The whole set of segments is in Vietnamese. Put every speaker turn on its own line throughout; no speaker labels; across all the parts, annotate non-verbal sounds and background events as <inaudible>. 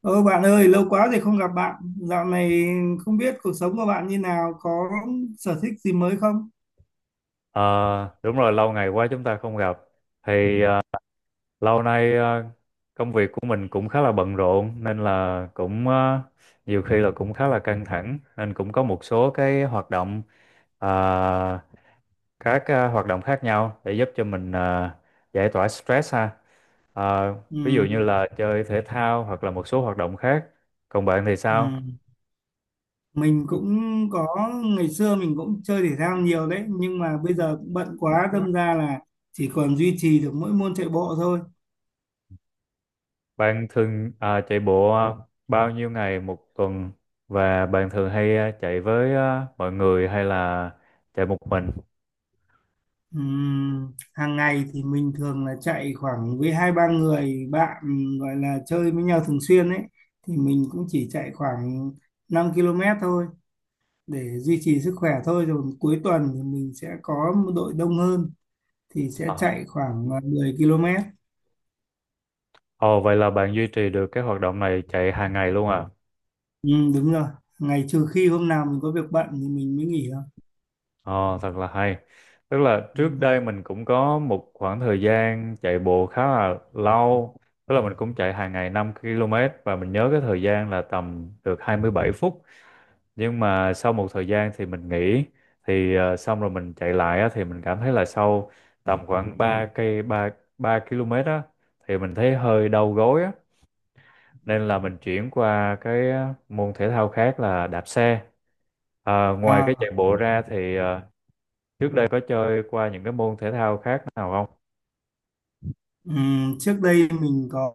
Ơ bạn ơi, lâu quá rồi không gặp bạn. Dạo này không biết cuộc sống của bạn như nào, có sở thích gì mới không?
Ờ, đúng rồi, lâu ngày quá chúng ta không gặp. Thì lâu nay, công việc của mình cũng khá là bận rộn nên là cũng nhiều khi là cũng khá là căng thẳng, nên cũng có một số cái hoạt động ờ, các ờ, hoạt động khác nhau để giúp cho mình giải tỏa stress ha. Ờ,
Ừ,
ví dụ như là chơi thể thao hoặc là một số hoạt động khác. Còn bạn thì
ừ.
sao?
Mình cũng có, ngày xưa mình cũng chơi thể thao nhiều đấy, nhưng mà bây giờ cũng bận quá, đâm ra là chỉ còn duy trì được mỗi môn chạy bộ thôi.
Bạn thường chạy bộ bao nhiêu ngày một tuần, và bạn thường hay chạy với mọi người hay là chạy một mình?
Ừ, hàng ngày thì mình thường là chạy khoảng với hai ba người bạn gọi là chơi với nhau thường xuyên ấy, thì mình cũng chỉ chạy khoảng 5 km thôi, để duy trì sức khỏe thôi. Rồi cuối tuần thì mình sẽ có một đội đông hơn thì sẽ
Ờ,
chạy khoảng 10 km.
Ồ, vậy là bạn duy trì được cái hoạt động này, chạy hàng ngày luôn à?
Ừ, đúng rồi, ngày trừ khi hôm nào mình có việc bận thì mình mới nghỉ thôi.
Ồ, thật là hay. Tức là trước đây
Ừ.
mình cũng có một khoảng thời gian chạy bộ khá là lâu. Tức là mình cũng chạy hàng ngày 5 km, và mình nhớ cái thời gian là tầm được 27 phút. Nhưng mà sau một thời gian thì mình nghỉ, thì xong rồi mình chạy lại á, thì mình cảm thấy là sau tầm khoảng 3 cây, 3 3 km á, thì mình thấy hơi đau gối á, nên là mình chuyển qua cái môn thể thao khác là đạp xe. Ngoài cái
à,
chạy bộ ra thì trước đây có chơi qua những cái môn thể thao khác nào không?
ừ, trước đây mình có,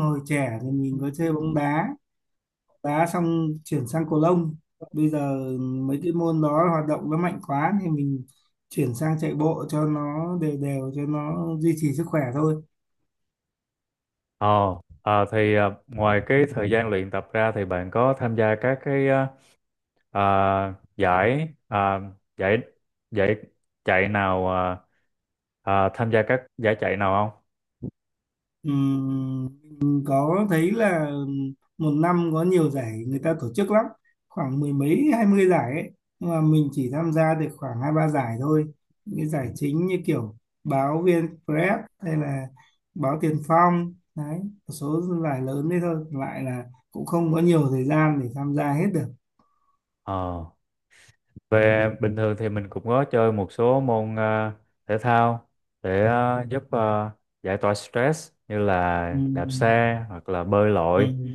hồi trẻ thì mình có chơi bóng đá, đá xong chuyển sang cầu lông. Bây giờ mấy cái môn đó hoạt động nó mạnh quá thì mình chuyển sang chạy bộ cho nó đều đều cho nó duy trì sức khỏe thôi.
Ờ, Ngoài cái thời gian luyện tập ra thì bạn có tham gia các cái ờ, Ờ, ờ, giải giải chạy nào ờ, ờ, tham gia các giải chạy nào không?
Ừm, mình có thấy là một năm có nhiều giải người ta tổ chức lắm, khoảng mười mấy hai mươi giải ấy, nhưng mà mình chỉ tham gia được khoảng hai ba giải thôi, những cái
Ừ.
giải chính như kiểu báo VnExpress hay là báo Tiền Phong đấy, một số giải lớn đấy thôi. Còn lại là cũng không có nhiều thời gian để tham gia hết được.
Ờ, về bình thường thì mình cũng có chơi một số môn thể thao để giúp giải tỏa stress, như là đạp
Ừm,
xe hoặc là bơi lội.
ừm,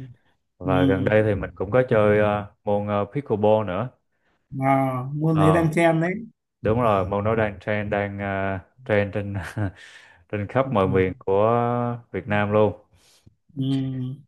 Và gần
ừm.
đây thì mình cũng có chơi môn pickleball nữa.
À, môn đấy
Ờ,
đang chen đấy.
đúng rồi, môn đó đang trend, đang trend trên <laughs> trên khắp
Ừm,
mọi miền
ừm,
của Việt Nam luôn.
ừm.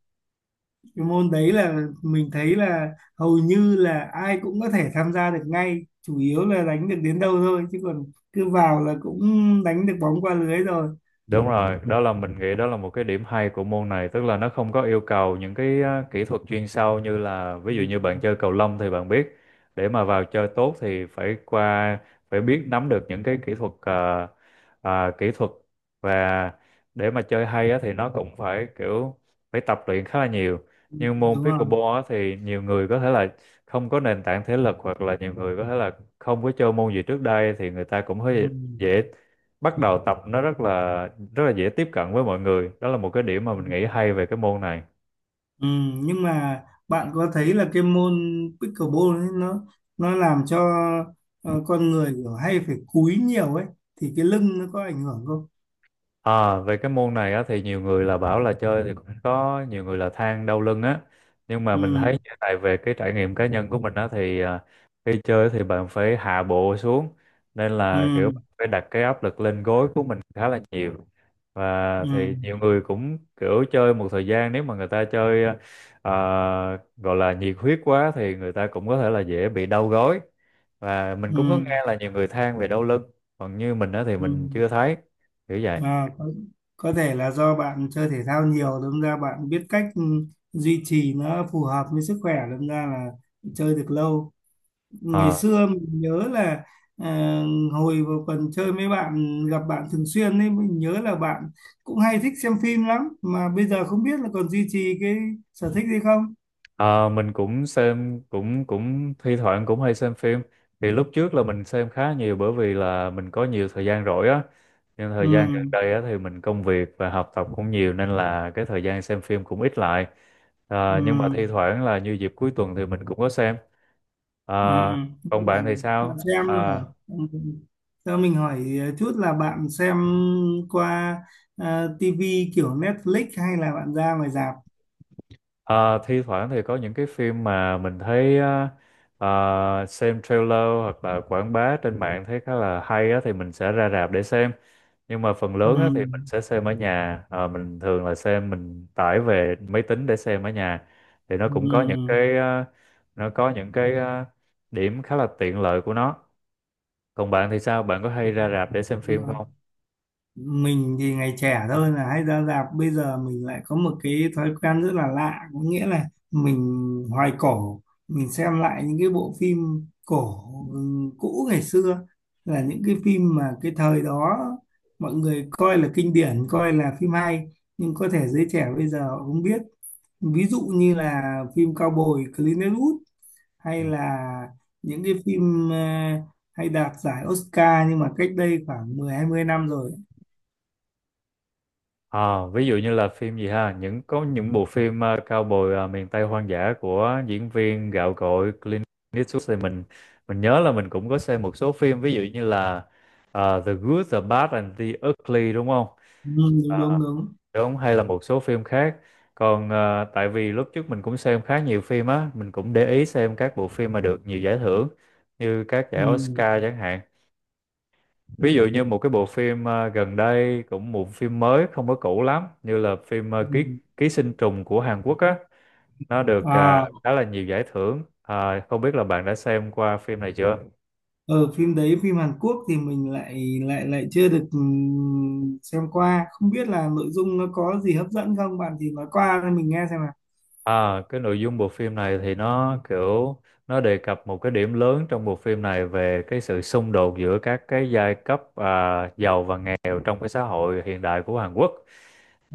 Cái môn đấy là mình thấy là hầu như là ai cũng có thể tham gia được ngay, chủ yếu là đánh được đến đâu thôi, chứ còn cứ vào là cũng đánh được bóng qua lưới rồi.
Đúng rồi, đó là mình nghĩ đó là một cái điểm hay của môn này, tức là nó không có yêu cầu những cái kỹ thuật chuyên sâu, như là
Ừ,
ví dụ như bạn chơi cầu lông thì bạn biết để mà vào chơi tốt thì phải biết nắm được những cái kỹ thuật, à, kỹ thuật và để mà chơi hay á, thì nó cũng phải kiểu, phải tập luyện khá là nhiều.
ừ,
Nhưng môn
đúng rồi.
pickleball á, thì nhiều người có thể là không có nền tảng thể lực, hoặc là nhiều người có thể là không có chơi môn gì trước đây thì người ta cũng
Ừ,
hơi dễ bắt đầu tập. Nó rất là dễ tiếp cận với mọi người, đó là một cái điểm mà mình
ừ.
nghĩ hay về cái môn này.
Ừ, nhưng mà bạn có thấy là cái môn pickleball ấy, nó làm cho con người kiểu hay phải cúi nhiều ấy, thì cái lưng nó có ảnh hưởng không?
À, về cái môn này á, thì nhiều người là bảo là chơi thì cũng có nhiều người là than đau lưng á. Nhưng mà mình thấy
Ừ,
như thế này, về cái trải nghiệm cá nhân của mình á, thì khi chơi thì bạn phải hạ bộ xuống, nên là kiểu
ừ,
bạn phải đặt cái áp lực lên gối của mình khá là nhiều. Và
ừ,
thì nhiều người cũng kiểu chơi một thời gian, nếu mà người ta chơi à, gọi là nhiệt huyết quá thì người ta cũng có thể là dễ bị đau gối. Và mình
ừ,
cũng có nghe là nhiều người than về đau lưng, còn như mình á thì
ừ.
mình chưa thấy kiểu vậy.
À, có thể là do bạn chơi thể thao nhiều, đâm ra bạn biết cách ừ, duy trì nó phù hợp với sức khỏe, đâm ra là chơi được lâu. Ngày
Ờ,
xưa mình nhớ là à, hồi vào còn chơi với bạn, gặp bạn thường xuyên ấy, mình nhớ là bạn cũng hay thích xem phim lắm, mà bây giờ không biết là còn duy trì cái sở thích gì không?
ờ, mình cũng xem, cũng cũng thi thoảng cũng hay xem phim. Thì lúc trước là mình xem khá nhiều, bởi vì là mình có nhiều thời gian rỗi á. Nhưng thời gian gần
Ừ,
đây á thì mình công việc và học tập cũng nhiều, nên là cái thời gian xem phim cũng ít lại.
ừ.
Nhưng mà thi thoảng là như dịp cuối tuần thì mình cũng có xem. Ờ,
Ừ.
còn bạn thì
Bạn, bạn
sao?
xem là
Ờ,
ừ. Cho mình hỏi chút là bạn xem qua uh, TV kiểu Netflix hay là bạn ra ngoài rạp?
Ờ, thi thoảng thì có những cái phim mà mình thấy á, ờ, xem trailer hoặc là quảng bá trên mạng thấy khá là hay á, thì mình sẽ ra rạp để xem. Nhưng mà phần
Ừ.
lớn á, thì mình sẽ xem ở nhà. Ờ, mình thường là xem, mình tải về máy tính để xem ở nhà. Thì nó
Ừ.
cũng có những cái ờ, nó có những cái ờ, điểm khá là tiện lợi của nó. Còn bạn thì sao, bạn có hay ra rạp để xem phim
Ừ,
không?
mình thì ngày trẻ thôi là hay ra rạp. Bây giờ mình lại có một cái thói quen rất là lạ, có nghĩa là mình hoài cổ, mình xem lại những cái bộ phim cổ, cũ ngày xưa, là những cái phim mà cái thời đó mọi người coi là kinh điển, coi là phim hay, nhưng có thể giới trẻ bây giờ họ không biết. Ví dụ như là phim Cao Bồi Clint Eastwood, hay
Ừ.
là những cái phim hay đạt giải Oscar nhưng mà cách đây khoảng mười hai mươi năm rồi.
À, ví dụ như là phim gì ha, có những bộ phim cao bồi miền Tây hoang dã của diễn viên gạo cội Clint Eastwood. Thì mình nhớ là mình cũng có xem một số phim, ví dụ như là The Good, The Bad and The Ugly, đúng không?
Ừ,
À,
đúng đúng đúng.
đúng, hay là một số phim khác. Còn tại vì lúc trước mình cũng xem khá nhiều phim á, mình cũng để ý xem các bộ phim mà được nhiều giải thưởng, như các giải
Ừ,
Oscar chẳng hạn. Ví dụ như một cái bộ phim gần đây, cũng một phim mới không có cũ lắm, như là phim ờ, ký
ừ.
ký sinh trùng của Hàn Quốc á. Nó được
À,
khá là nhiều giải thưởng. Không biết là bạn đã xem qua phim này chưa?
ở phim đấy, phim Hàn Quốc thì mình lại lại lại chưa được ừ, xem qua, không biết là nội dung nó có gì hấp dẫn không, bạn thì nói qua cho mình nghe xem nào.
Cái nội dung bộ phim này thì nó kiểu nó đề cập một cái điểm lớn trong bộ phim này về cái sự xung đột giữa các cái giai cấp, giàu và nghèo trong cái xã hội hiện đại của Hàn Quốc.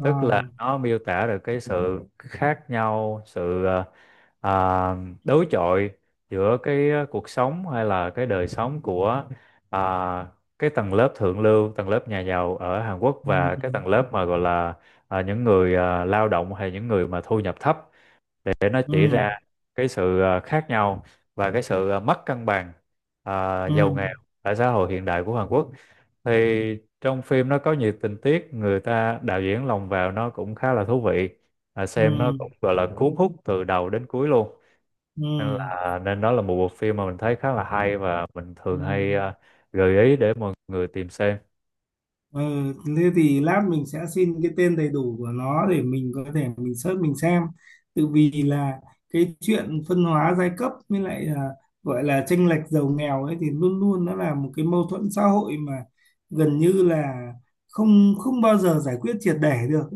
Tức là nó miêu tả được cái sự khác nhau, sự à, đối chọi giữa cái cuộc sống hay là cái đời sống của à, cái tầng lớp thượng lưu, tầng lớp nhà giàu ở Hàn Quốc, và cái
ừ,
tầng lớp mà gọi là những người lao động hay những người mà thu nhập thấp. Để nó
ừ,
chỉ ra cái sự khác nhau và cái sự mất cân bằng
ừ,
giàu nghèo ở xã hội hiện đại của Hàn Quốc. Thì trong phim nó có nhiều tình tiết người ta đạo diễn lồng vào, nó cũng khá là thú vị.
ừ,
Xem nó cũng gọi là cuốn hút từ đầu đến cuối luôn. nên
ừ,
là nên đó là một bộ phim mà mình thấy khá là hay, và mình
ừ.
thường hay gợi ý để mọi người tìm xem.
Ờ, thế thì lát mình sẽ xin cái tên đầy đủ của nó để mình có thể mình search mình xem. Tự vì là cái chuyện phân hóa giai cấp với lại là gọi là chênh lệch giàu nghèo ấy thì luôn luôn nó là một cái mâu thuẫn xã hội mà gần như là không không bao giờ giải quyết triệt để được.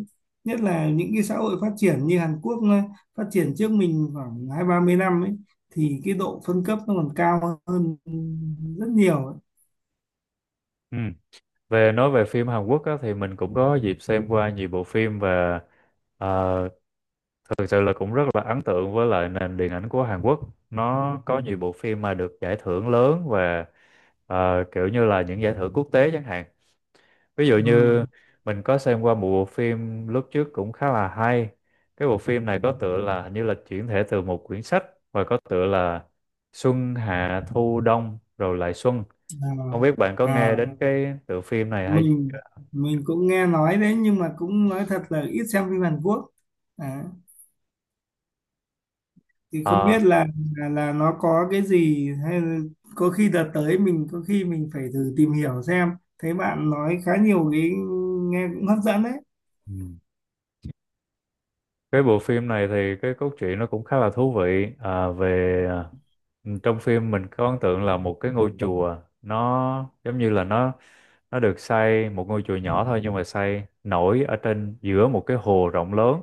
Nhất là những cái xã hội phát triển như Hàn Quốc, nó phát triển trước mình khoảng hai ba mươi năm ấy, thì cái độ phân cấp nó còn cao hơn rất nhiều ấy.
Ừ. Nói về phim Hàn Quốc á, thì mình cũng có dịp xem qua nhiều bộ phim và ờ, thực sự là cũng rất là ấn tượng với lại nền điện ảnh của Hàn Quốc. Nó có nhiều bộ phim mà được giải thưởng lớn, và kiểu như là những giải thưởng quốc tế chẳng hạn. Ví dụ
Ừ.
như mình có xem qua một bộ phim lúc trước cũng khá là hay. Cái bộ phim này có tựa là, hình như là chuyển thể từ một quyển sách, và có tựa là Xuân Hạ Thu Đông rồi lại Xuân.
À.
Không biết bạn có nghe
À,
đến cái tựa phim này hay
mình
chưa?
mình cũng nghe nói đấy, nhưng mà cũng nói thật là ít xem phim Hàn Quốc, à, thì không
Ờ.
biết là nó có cái gì hay, là có khi đợt tới mình có khi mình phải thử tìm hiểu xem. Thấy bạn nói khá nhiều, cái nghe cũng hấp dẫn đấy.
Ừ. Cái bộ phim này thì cái cốt truyện nó cũng khá là thú vị. Trong phim mình có ấn tượng là một cái ngôi chùa, nó giống như là nó được xây, một ngôi chùa nhỏ thôi nhưng mà xây nổi ở trên giữa một cái hồ rộng lớn,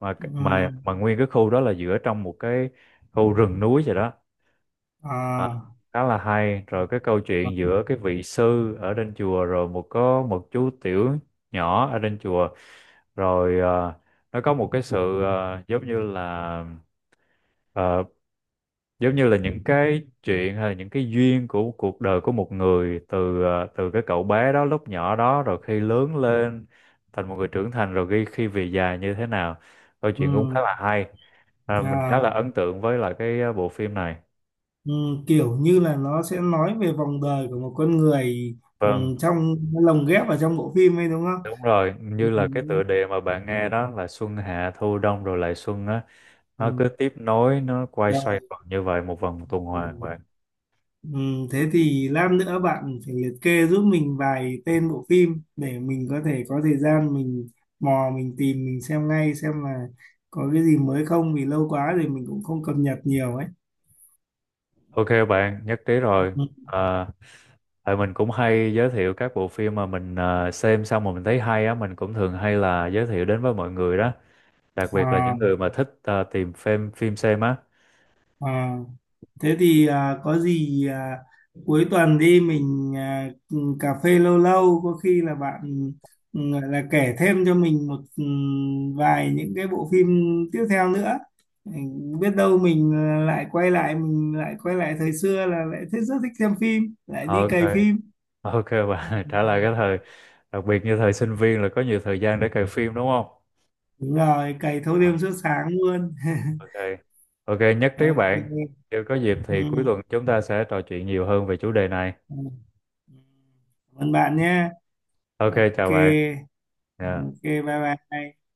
mà
Ừ.
mà nguyên cái khu đó là giữa trong một cái khu rừng núi vậy đó. à,
À,
Khá là hay. Rồi cái câu chuyện giữa cái vị sư ở trên chùa, rồi có một chú tiểu nhỏ ở trên chùa. Rồi nó có một cái sự ờ, giống như là những cái chuyện, hay là những cái duyên của cuộc đời của một người, từ cái cậu bé đó lúc nhỏ đó, rồi khi lớn lên thành một người trưởng thành, rồi khi khi về già như thế nào. Câu chuyện cũng khá
ừ.
là hay. Mình khá
À,
là ấn tượng với lại cái bộ phim này.
ừ, kiểu như là nó sẽ nói về vòng đời của một con người, ừ,
Vâng.
trong lồng ghép vào trong bộ phim ấy đúng không?
Đúng rồi,
Ừ.
như là cái tựa đề mà bạn nghe đó là Xuân Hạ Thu Đông rồi lại Xuân á. Nó cứ
Ừ.
tiếp nối, nó quay
Ừ,
xoay vòng như vậy, một vòng tuần hoàn
rồi.
vậy.
Ừ, thế thì lát nữa bạn phải liệt kê giúp mình vài tên bộ phim để mình có thể có thời gian mình mò mình tìm mình xem ngay, xem là có cái gì mới không, vì lâu quá thì mình cũng không cập nhật nhiều ấy.
Ok bạn, nhất trí rồi.
Ừ.
À, tại mình cũng hay giới thiệu các bộ phim mà mình xem xong mà mình thấy hay á, mình cũng thường hay là giới thiệu đến với mọi người đó. Đặc biệt là những
À,
người mà thích tìm phim phim xem á.
à. Thế thì à, có gì à, cuối tuần đi mình à, cà phê lâu lâu, có khi là bạn ừ, gọi là kể thêm cho mình một ừ, vài những cái bộ phim tiếp theo nữa. Ừ, biết đâu mình à, lại quay lại, mình lại quay lại thời xưa là lại thích, rất thích xem phim, lại đi
Ok,
cày phim.
ok bạn, <laughs> trả lại cái thời. Đặc biệt như thời sinh viên là có nhiều thời gian để cày phim, đúng không?
Đúng rồi, cày thâu
À,
đêm suốt sáng luôn. <laughs>
ok, ok nhất trí bạn.
Ok.
Nếu có dịp thì cuối
Ừ,
tuần chúng ta sẽ trò chuyện nhiều hơn về chủ đề này.
ừ. Cảm ơn bạn nhé.
Ok,
Ok.
chào bạn.
Ok,
Dạ.
bye bye.